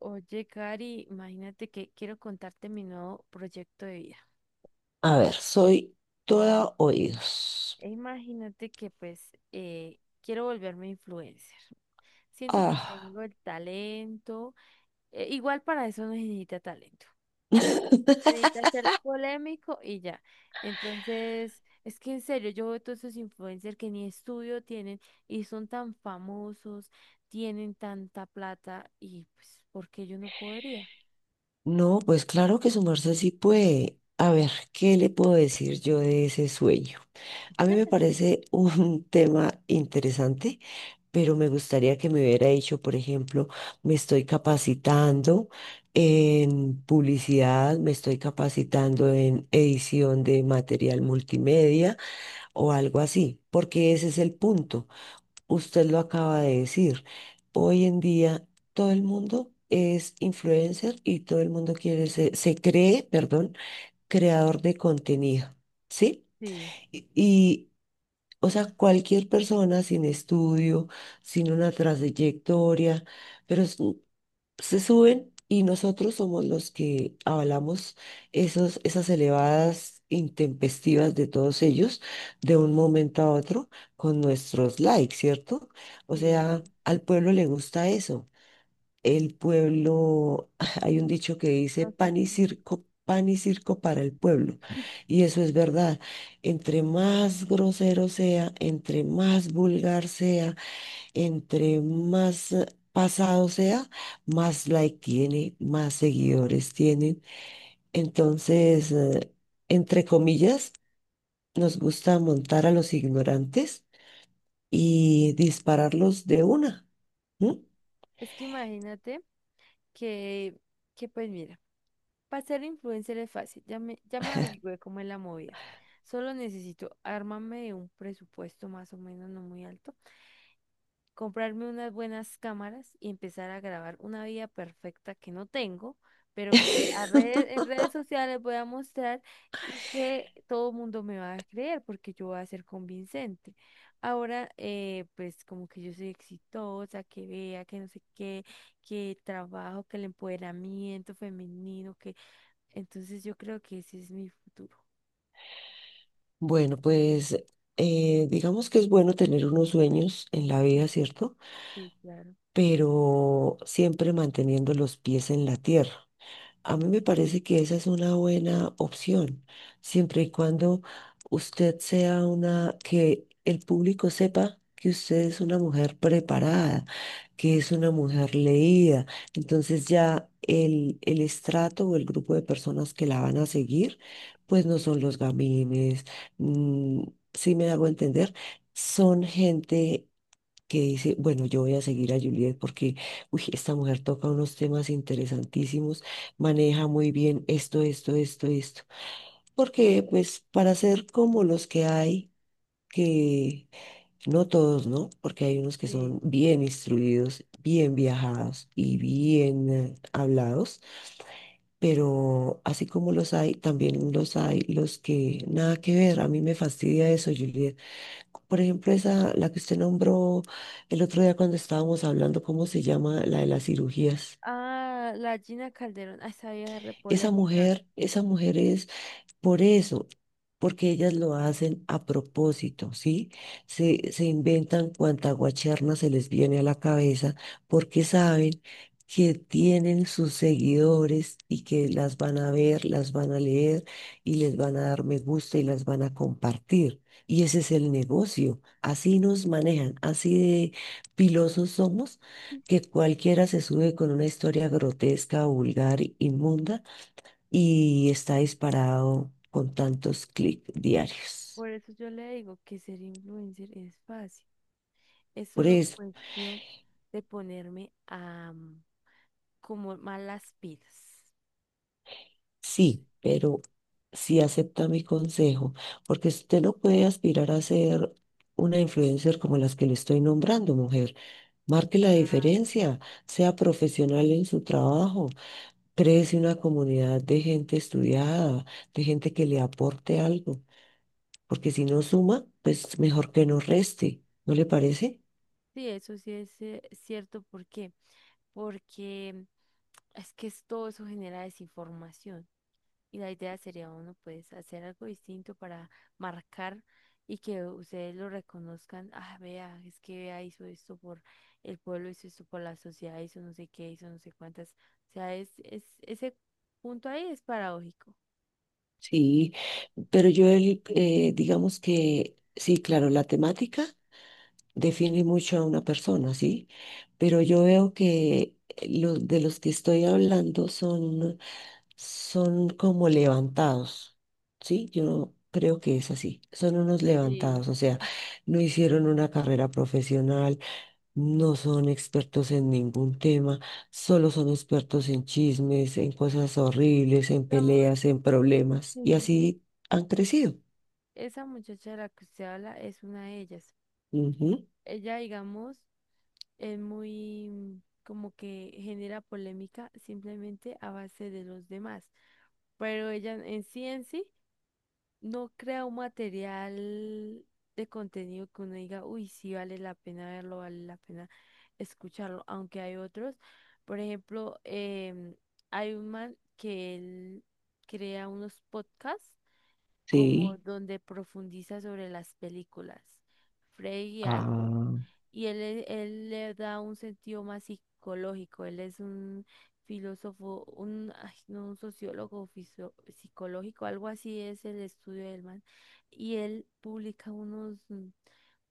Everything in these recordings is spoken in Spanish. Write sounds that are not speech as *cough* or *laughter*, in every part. Oye, Cari, imagínate que quiero contarte mi nuevo proyecto de vida. A ver, soy toda oídos. E imagínate que quiero volverme influencer. Siento que Ah. tengo el talento. Igual para eso no se necesita talento. Se necesita ser *laughs* polémico y ya. Entonces, es que en serio, yo veo todos esos influencers que ni estudio tienen y son tan famosos, tienen tanta plata y pues, ¿por qué yo no podría? No, pues claro que su merced sí puede. A ver, ¿qué le puedo decir yo de ese sueño? A mí me parece un *laughs* tema interesante, pero me gustaría que me hubiera dicho, por ejemplo, me estoy capacitando en publicidad, me estoy capacitando en edición de material multimedia o algo así, porque ese es el punto. Usted lo acaba de decir. Hoy en día todo el mundo es influencer y todo el mundo quiere se cree, perdón, creador de contenido, ¿sí? Sí, Y, o sea, cualquier persona sin estudio, sin una trayectoria, pero se suben y nosotros somos los que avalamos esos, esas elevadas intempestivas de todos ellos de un momento a otro con nuestros likes, ¿cierto? O sí, sea, obvio. al pueblo le gusta eso. El pueblo, *laughs* hay un dicho que dice O sea, pan y no. circo, pan y circo para el pueblo. Y eso es verdad. Entre más grosero sea, entre más vulgar sea, entre más pasado sea, más like tiene, más seguidores tienen. Entonces, entre comillas, nos gusta montar a los ignorantes y dispararlos de una. ¿M? Es que imagínate. que, que pues mira, para ser influencer es fácil, ya me averigüé cómo es la movida. Solo necesito armarme de un presupuesto más o menos no muy alto, comprarme unas buenas cámaras y empezar a grabar una vida perfecta que no tengo, pero que en redes sociales voy a mostrar y que todo el mundo me va a creer porque yo voy a ser convincente. Ahora, pues como que yo soy exitosa, que vea, que no sé qué, que el trabajo, que el empoderamiento femenino, que entonces yo creo que ese es mi futuro. Bueno, pues digamos que es bueno tener unos sueños en la vida, ¿cierto? Sí, claro, Pero siempre manteniendo los pies en la tierra. A mí me parece que esa es una buena opción, siempre y cuando usted sea una, que el público sepa que usted es una mujer preparada, que es una mujer leída. Entonces ya el estrato o el grupo de personas que la van a seguir, pues no son los gamines, mm, si me hago entender, son gente que dice, bueno, yo voy a seguir a Juliet porque, uy, esta mujer toca unos temas interesantísimos, maneja muy bien esto, esto, esto, esto. Porque, pues, para ser como los que hay, que no todos, ¿no? Porque hay unos que sí. son bien instruidos, bien viajados y bien hablados, pero así como los hay, también los hay los que nada que ver. A mí me fastidia eso, Juliet. Por ejemplo, esa, la que usted nombró el otro día cuando estábamos hablando, ¿cómo se llama? La de las cirugías. Ah, la Gina Calderón, ah, esa vieja es re polémica. Esa mujer es por eso, porque ellas lo hacen a propósito, ¿sí? Se inventan cuanta guacherna se les viene a la cabeza porque saben que tienen sus seguidores y que las van a ver, las van a leer y les van a dar me gusta y las van a compartir. Y ese es el negocio. Así nos manejan, así de pilosos somos, que cualquiera se sube con una historia grotesca, vulgar, inmunda y está disparado con tantos clics diarios. Por eso yo le digo que ser influencer es fácil. Es Por solo eso, cuestión de ponerme a como más las pilas. sí, pero sí acepta mi consejo, porque si usted no puede aspirar a ser una influencer como las que le estoy nombrando, mujer. Marque la diferencia, sea profesional en su trabajo, créese una comunidad de gente estudiada, de gente que le aporte algo, porque si no suma, pues mejor que no reste, ¿no le parece? Sí, eso sí es cierto. ¿Por qué? Porque todo eso genera desinformación. Y la idea sería uno, pues, hacer algo distinto para marcar y que ustedes lo reconozcan. Ah, vea, es que vea, hizo esto por el pueblo, hizo esto por la sociedad, hizo no sé qué, hizo no sé cuántas. O sea, ese punto ahí es paradójico. Sí, pero yo, digamos que, sí, claro, la temática define mucho a una persona, ¿sí? Pero yo veo que los de los que estoy hablando son, son como levantados, ¿sí? Yo creo que es así, son unos Sí. levantados, o sea, no hicieron una carrera profesional, no son expertos en ningún tema, solo son expertos en chismes, en cosas horribles, en Digamos, peleas, en problemas. Y sí, así han crecido. esa muchacha de la que usted habla es una de ellas. Ujú, Ella, digamos, es muy como que genera polémica simplemente a base de los demás. Pero ella en sí. No crea un material de contenido que uno diga, uy, sí vale la pena verlo, vale la pena escucharlo, aunque hay otros. Por ejemplo, hay un man que él crea unos podcasts como sí. donde profundiza sobre las películas. Freddy Albo Ah, y él le da un sentido más psicológico. Él es un filósofo, un, ay, no, un sociólogo psicológico, algo así es el estudio del man. Y él publica unos,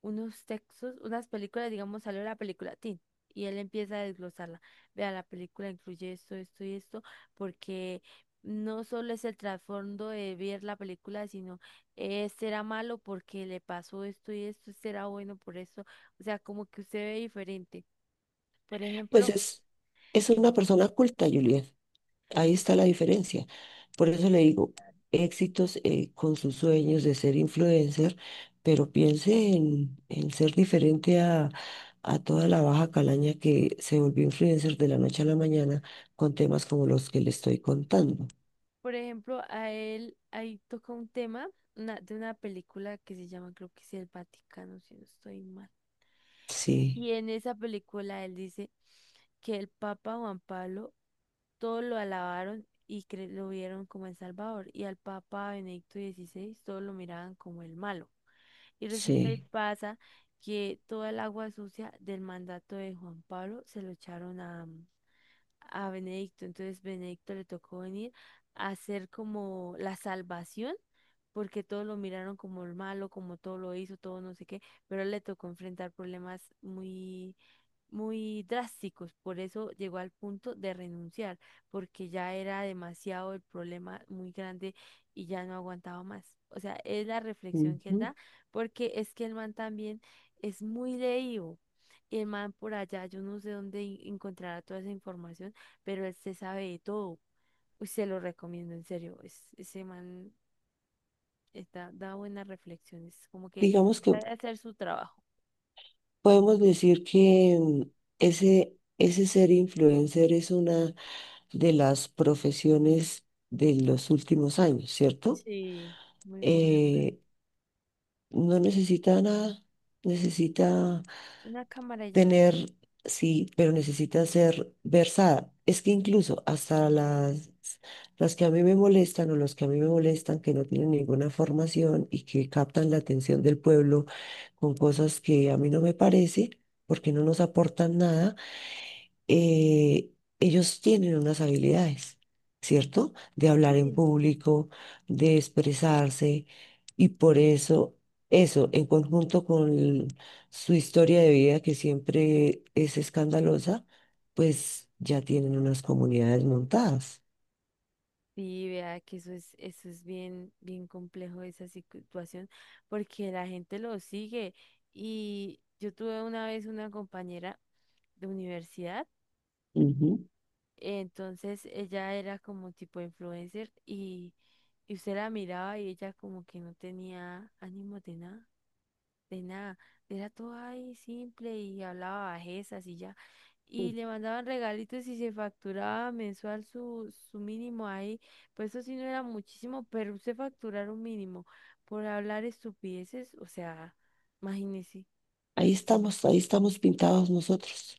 unos textos, unas películas, digamos, salió la película Tin. Y él empieza a desglosarla. Vea, la película incluye esto, esto y esto, porque no solo es el trasfondo de ver la película, sino este era malo porque le pasó esto y esto, este era bueno por esto. O sea, como que usted ve diferente. Por pues ejemplo, es una persona culta, Juliet. Ahí está la diferencia. Por eso le digo, éxitos con sus sueños de ser influencer, pero piense en ser diferente a toda la baja calaña que se volvió influencer de la noche a la mañana con temas como los que le estoy contando. por ejemplo, a él ahí toca un tema de una película que se llama, creo que es El Vaticano, si no estoy mal. Sí, Y en esa película él dice que el Papa Juan Pablo todos lo alabaron y lo vieron como el Salvador. Y al Papa Benedicto XVI todos lo miraban como el malo. Y resulta y sí. pasa que toda el agua sucia del mandato de Juan Pablo se lo echaron a Benedicto. Entonces Benedicto le tocó venir a hacer como la salvación, porque todos lo miraron como el malo, como todo lo hizo, todo no sé qué, pero a él le tocó enfrentar problemas muy drásticos, por eso llegó al punto de renunciar, porque ya era demasiado, el problema muy grande y ya no aguantaba más. O sea, es la reflexión que él Ujú. da, porque es que el man también es muy leído. Y el man por allá, yo no sé dónde encontrará toda esa información, pero él se sabe de todo. Uy, se lo recomiendo, en serio. Ese man está, da buenas reflexiones, como que Digamos que sabe hacer su trabajo. podemos decir que ese ser influencer es una de las profesiones de los últimos años, ¿cierto? Sí. Muy moderna. Eh, No necesita nada, necesita Una cámara ya. tener, sí, pero necesita ser versada. Es que incluso hasta las que a mí me molestan o los que a mí me molestan, que no tienen ninguna formación y que captan la atención del pueblo con cosas que a mí no me parece, porque no nos aportan nada, eh, ellos tienen unas habilidades, ¿cierto? De hablar en Sí, público, de expresarse, y por eso, en conjunto con su historia de vida, que siempre es escandalosa, pues ya tienen unas comunidades montadas. sí, vea que eso es bien, bien complejo esa situación, porque la gente lo sigue. Y yo tuve una vez una compañera de universidad, Ujú. entonces ella era como tipo influencer y usted la miraba y ella como que no tenía ánimo de nada. Era todo ahí simple y hablaba bajezas y ya. Y le mandaban regalitos y se facturaba mensual su mínimo ahí. Pues eso sí no era muchísimo, pero usted facturar un mínimo por hablar estupideces, o sea, imagínese. Ahí estamos pintados nosotros.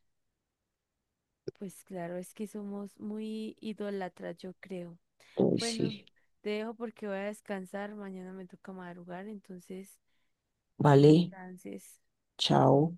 Pues claro, es que somos muy idólatras, yo creo. Uy, Bueno, sí. te dejo porque voy a descansar. Mañana me toca madrugar, entonces que Vale, descanses. chao.